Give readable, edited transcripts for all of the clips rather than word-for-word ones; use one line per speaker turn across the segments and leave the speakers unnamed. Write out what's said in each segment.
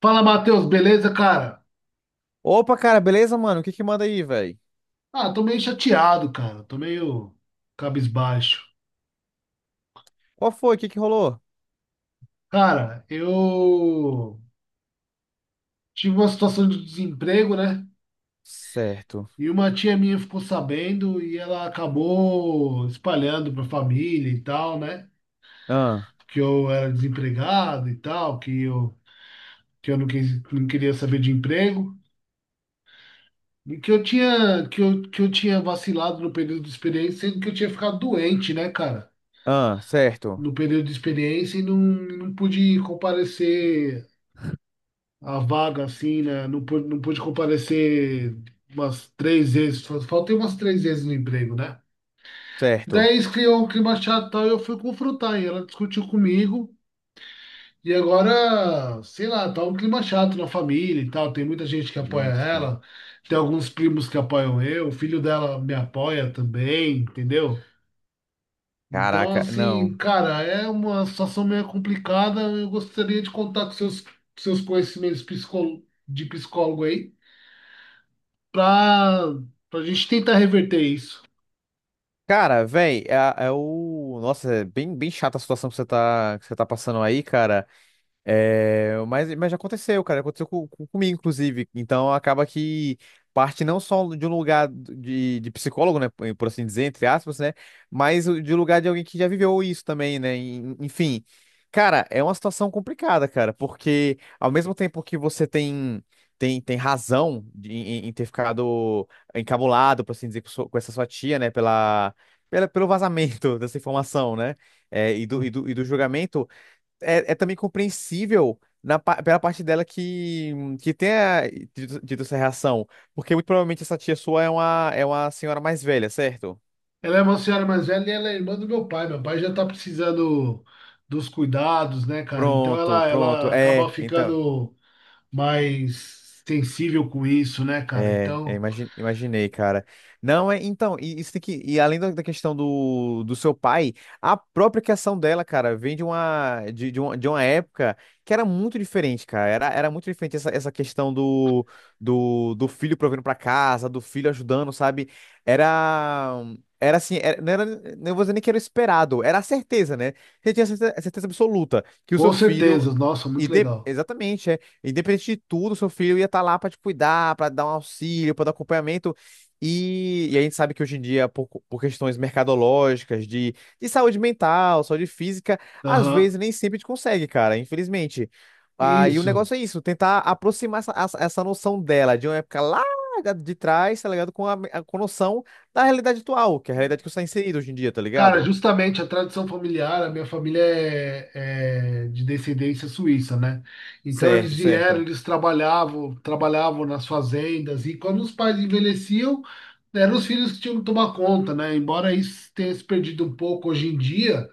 Fala, Matheus, beleza, cara?
Opa, cara, beleza, mano? O que que manda aí, velho?
Ah, tô meio chateado, cara. Tô meio cabisbaixo.
Qual foi? O que que rolou?
Cara, eu tive uma situação de desemprego, né?
Certo.
E uma tia minha ficou sabendo e ela acabou espalhando pra família e tal, né?
Ah,
Que eu era desempregado e tal, que eu não quis, não queria saber de emprego. E que eu tinha, que eu tinha vacilado no período de experiência, sendo que eu tinha ficado doente, né, cara?
ah, certo.
No período de experiência e não, não pude comparecer à vaga, assim, né? Não pude, não pude comparecer umas três vezes, só faltei umas três vezes no emprego, né?
Certo.
Daí isso criou um clima chato e tal, e eu fui confrontar, e ela discutiu comigo, e agora, sei lá, tá um clima chato na família e tal, tem muita gente que apoia
Ixi.
ela, tem alguns primos que apoiam eu, o filho dela me apoia também, entendeu? Então,
Caraca,
assim,
não.
cara, é uma situação meio complicada. Eu gostaria de contar com seus, seus conhecimentos psicó- de psicólogo aí, para a gente tentar reverter isso.
Cara, velho, é, é o. Nossa, é bem chata a situação que você tá passando aí, cara. É, mas já aconteceu, cara. Aconteceu comigo, inclusive. Então acaba que parte não só de um lugar de psicólogo, né? Por assim dizer, entre aspas, né? Mas de lugar de alguém que já viveu isso também, né? Enfim. Cara, é uma situação complicada, cara, porque ao mesmo tempo que você tem. Tem razão em ter ficado encabulado, por assim dizer, com essa sua tia, né? Pelo vazamento dessa informação, né? E do julgamento. É também compreensível pela parte dela que tenha dito essa reação. Porque muito provavelmente essa tia sua é uma senhora mais velha, certo?
Ela é uma senhora mais velha e ela é irmã do meu pai. Meu pai já tá precisando dos cuidados, né, cara? Então
Pronto,
ela,
pronto.
ela acaba
É, então.
ficando mais sensível com isso, né, cara?
É,
Então,
imaginei, cara. Não, é, então, e isso e além da questão do seu pai, a própria criação dela, cara, vem de uma época que era muito diferente, cara. Era muito diferente essa questão do filho provendo pra casa, do filho ajudando, sabe? Era, era assim, não era, não vou dizer nem que era esperado, era a certeza, né? Você tinha certeza, certeza absoluta que o
com
seu filho.
certeza. Nossa, muito legal.
Exatamente, é. Independente de tudo, seu filho ia estar lá para te cuidar, para dar um auxílio, para dar acompanhamento. E a gente sabe que hoje em dia, por questões mercadológicas, de saúde mental, saúde física, às
Aham.
vezes nem sempre a gente consegue, cara, infelizmente. Ah, e o
Isso.
negócio é isso, tentar aproximar essa, essa noção dela de uma época lá de trás, tá ligado? Com a noção da realidade atual, que é a realidade que você está inserido hoje em dia, tá
Cara,
ligado?
justamente a tradição familiar, a minha família é, é de descendência suíça, né? Então eles
Certo,
vieram,
certo.
eles trabalhavam, trabalhavam nas fazendas e quando os pais envelheciam, eram os filhos que tinham que tomar conta, né? Embora isso tenha se perdido um pouco hoje em dia,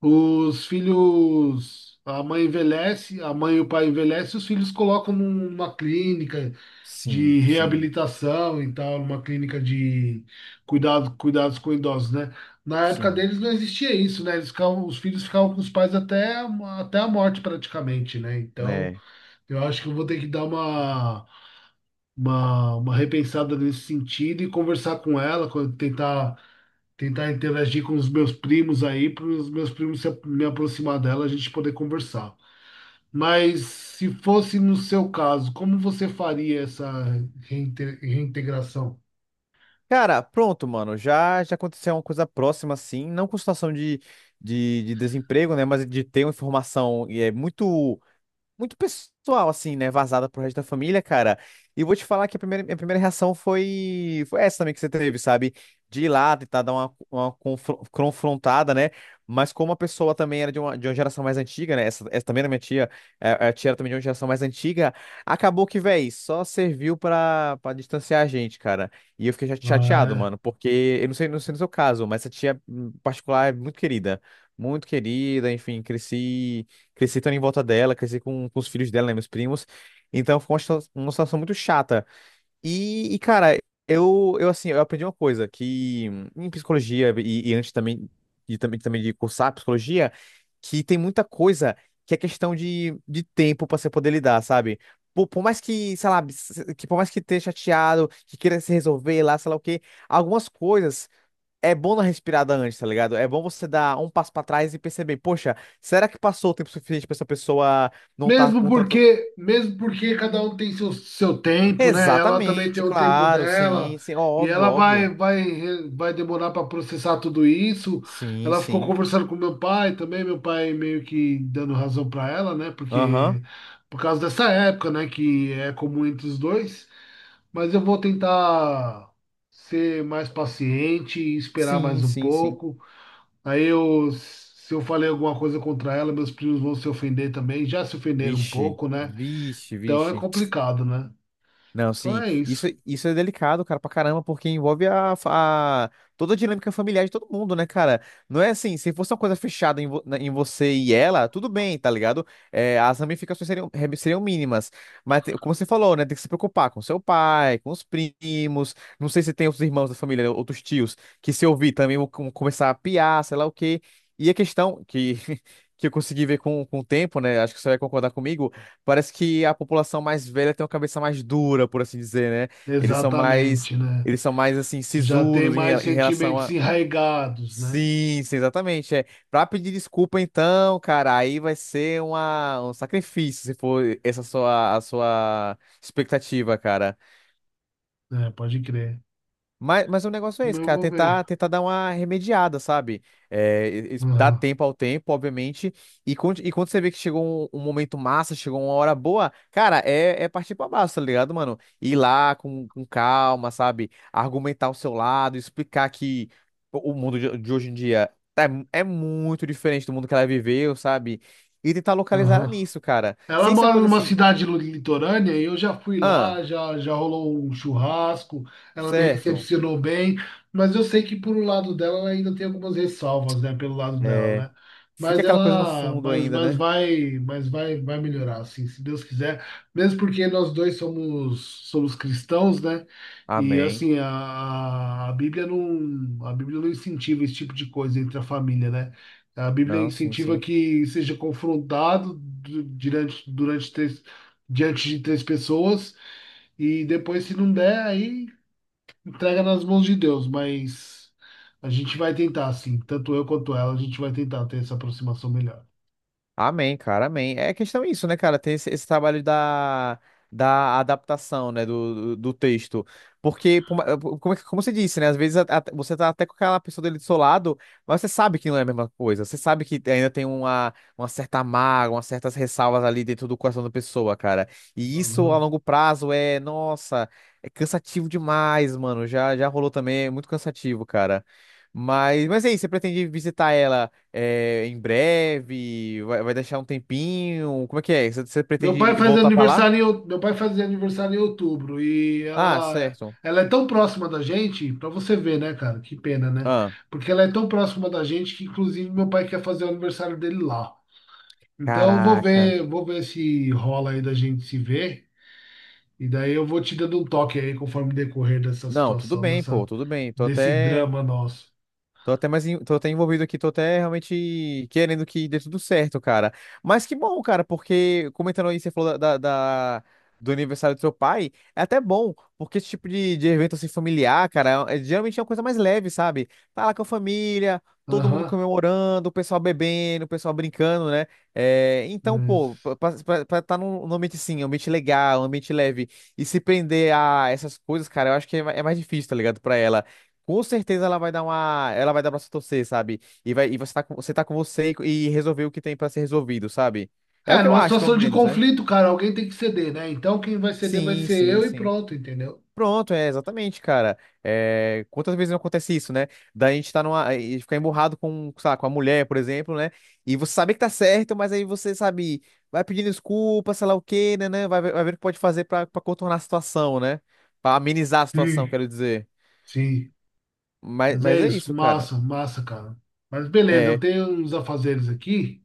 os filhos, a mãe envelhece, a mãe e o pai envelhecem, os filhos colocam numa clínica,
Sim,
de
sim,
reabilitação e tal, numa clínica de cuidado, cuidados com idosos, né? Na época
sim.
deles não existia isso, né? Eles ficavam, os filhos ficavam com os pais até, até a morte praticamente, né? Então,
Né?
eu acho que eu vou ter que dar uma, uma repensada nesse sentido e conversar com ela, tentar, tentar interagir com os meus primos aí, para os meus primos se, me aproximar dela, a gente poder conversar. Mas se fosse no seu caso, como você faria essa reintegração?
Cara, pronto, mano. Já aconteceu uma coisa próxima, assim, não com situação de desemprego, né? Mas de ter uma informação e é muito muito pessoal, assim, né? Vazada pro resto da família, cara. E vou te falar que minha primeira reação foi essa também que você teve, sabe? De ir lá, tentar dar uma confrontada, né? Mas como a pessoa também era de uma geração mais antiga, né? Essa também era minha tia. A tia era também de uma geração mais antiga, acabou que, véi, só serviu pra distanciar a gente, cara. E eu fiquei chateado,
Ah, é.
mano, porque eu não sei no seu caso, mas essa tia em particular é muito querida. Muito querida, enfim, cresci. Cresci também em volta dela, cresci com os filhos dela, né, meus primos. Então foi uma situação muito chata. E, cara, eu assim, eu aprendi uma coisa, que em psicologia e antes também, e também de cursar psicologia, que tem muita coisa que é questão de tempo pra você poder lidar, sabe? Por mais que, sei lá, que por mais que esteja chateado, que queira se resolver lá, sei lá o quê, algumas coisas é bom dar respirada antes, tá ligado? É bom você dar um passo pra trás e perceber, poxa, será que passou o tempo suficiente pra essa pessoa não tá com tanto.
Mesmo porque cada um tem seu, seu tempo, né? Ela também tem
Exatamente,
o tempo
claro,
dela
sim, sim,
e
óbvio,
ela vai
óbvio.
vai vai demorar para processar tudo isso.
Sim,
Ela ficou
sim.
conversando com meu pai também, meu pai meio que dando razão para ela, né?
Aham.
Porque por causa dessa época, né, que é comum entre os dois. Mas eu vou tentar ser mais paciente e esperar mais
Sim,
um
sim, sim.
pouco. Aí eu, se eu falei alguma coisa contra ela, meus primos vão se ofender também. Já se ofenderam um
Vixe,
pouco, né?
vixe,
Então é
vixe.
complicado, né?
Não,
Então
sim.
é
Isso,
isso.
isso é delicado, cara, pra caramba, porque envolve a- toda a dinâmica familiar de todo mundo, né, cara? Não é assim, se fosse uma coisa fechada em você e ela, tudo bem, tá ligado? É, as ramificações seriam mínimas. Mas, como você falou, né, tem que se preocupar com seu pai, com os primos. Não sei se tem outros irmãos da família, outros tios, que se ouvir também vão começar a piar, sei lá o quê. E a questão que. Que eu consegui ver com o tempo, né? Acho que você vai concordar comigo. Parece que a população mais velha tem uma cabeça mais dura, por assim dizer, né? Eles são mais,
Exatamente, né?
eles são mais assim
Já tem
sisudos em,
mais
re- em relação
sentimentos
a.
enraigados, né?
Sim, sim, exatamente. É. Pra pedir desculpa, então, cara, aí vai ser um sacrifício se for a sua expectativa, cara.
É, pode crer.
Mas o negócio é
Mas
esse,
eu
cara,
vou ver.
tentar dar uma remediada, sabe? É, e dar
Aham,
tempo ao tempo, obviamente. E, quando você vê que chegou um momento massa, chegou uma hora boa, cara, é partir pra baixo, tá ligado, mano? Ir lá com calma, sabe? Argumentar o seu lado, explicar que o mundo de hoje em dia é muito diferente do mundo que ela viveu, sabe? E tentar localizar
aham.
nisso, cara.
Ela
Sem ser uma
mora
coisa
numa
assim,
cidade litorânea e eu já fui
ah,
lá, já, já rolou um churrasco, ela me
certo.
recepcionou bem, mas eu sei que por um lado dela ela ainda tem algumas ressalvas, né, pelo lado dela,
É,
né?
fica
Mas
aquela coisa no
ela,
fundo
mas,
ainda,
mas
né?
vai, mas vai, vai melhorar, assim, se Deus quiser, mesmo porque nós dois somos, somos cristãos, né? E
Amém.
assim, a, a Bíblia, a Bíblia não incentiva esse tipo de coisa entre a família, né? A Bíblia
Não, sim,
incentiva
sim.
que seja confrontado durante, durante três, diante de três pessoas e depois, se não der, aí entrega nas mãos de Deus. Mas a gente vai tentar, sim. Tanto eu quanto ela, a gente vai tentar ter essa aproximação melhor.
Amém, cara, amém. É questão isso, né, cara? Ter esse trabalho da adaptação, né, do texto. Porque, como você disse, né, às vezes você tá até com aquela pessoa dele do seu lado, mas você sabe que não é a mesma coisa. Você sabe que ainda tem uma certa mágoa, umas certas ressalvas ali dentro do coração da pessoa, cara. E isso a
Uhum.
longo prazo é, nossa, é cansativo demais, mano. Já rolou também, é muito cansativo, cara. Mas é isso, você pretende visitar ela? É, em breve? Vai deixar um tempinho? Como é que é? Você
Meu
pretende
pai
ir
faz
voltar pra lá?
aniversário em, meu pai fazia aniversário em outubro e
Ah,
ela
certo.
ela é tão próxima da gente, para você ver, né, cara? Que pena, né?
Ah,
Porque ela é tão próxima da gente que inclusive meu pai quer fazer o aniversário dele lá. Então, eu
caraca.
vou ver se rola aí da gente se ver. E daí eu vou te dando um toque aí conforme decorrer dessa
Não, tudo
situação,
bem, pô,
dessa,
tudo bem. Tô
desse
até.
drama nosso.
Tô até mais, tô até envolvido aqui, tô até realmente querendo que dê tudo certo, cara. Mas que bom, cara, porque comentando aí, você falou da- do aniversário do seu pai, é até bom, porque esse tipo de evento assim familiar, cara, geralmente é uma coisa mais leve, sabe? Tá lá com a família, todo mundo
Aham.
comemorando, o pessoal bebendo, o pessoal brincando, né? É, então, pô,
Mas…
tá num ambiente assim, um ambiente legal, um ambiente leve, e se prender a essas coisas, cara, eu acho que é mais difícil, tá ligado, pra ela. Com certeza ela vai dar pra se torcer, sabe? E você tá com você e resolver o que tem pra ser resolvido, sabe? É o
É,
que eu
numa
acho, pelo
situação de
menos, né?
conflito, cara, alguém tem que ceder, né? Então quem vai ceder vai
Sim,
ser
sim,
eu e
sim.
pronto, entendeu?
Pronto, é exatamente, cara. É, quantas vezes não acontece isso, né? Da gente tá e ficar emburrado com, sei lá, com a mulher, por exemplo, né? E você sabe que tá certo, mas aí você sabe, vai pedindo desculpa, sei lá o quê, né? Vai ver o que pode fazer pra contornar a situação, né? Pra amenizar a situação,
Sim.
quero dizer.
Sim.
Mas,
Mas é
mas é
isso,
isso, cara.
massa, massa, cara. Mas beleza, eu
É,
tenho uns afazeres aqui.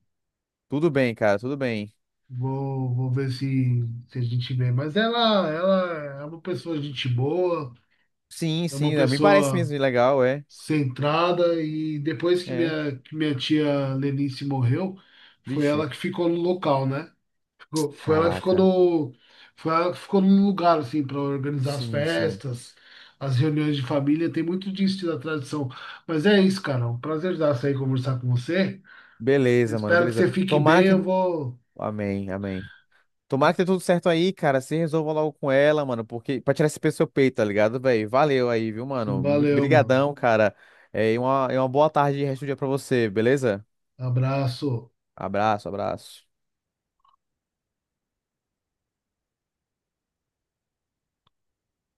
tudo bem, cara, tudo bem.
Vou, vou ver se, se a gente vê. Mas ela é uma pessoa gente boa,
Sim,
é
sim,
uma
é, me parece
pessoa
mesmo legal, é.
centrada e depois
É.
que minha tia Lenice morreu, foi
Vixe,
ela que ficou no local, né? Foi ela que ficou
caraca.
no, foi ela que ficou no lugar, assim, para organizar as
Sim, sim.
festas, as reuniões de família, tem muito disso da tradição. Mas é isso, cara, um prazer dar sair conversar com você.
Beleza, mano,
Espero que
beleza.
você fique
Tomara
bem,
que.
eu vou.
Amém, amém. Tomara que dê tudo certo aí, cara. Se resolva logo com ela, mano, porque pra tirar esse peso do seu peito, tá ligado, velho? Valeu aí, viu, mano?
Valeu, mano.
Brigadão, cara. É, e uma boa tarde e resto do dia pra você, beleza?
Abraço.
Abraço, abraço.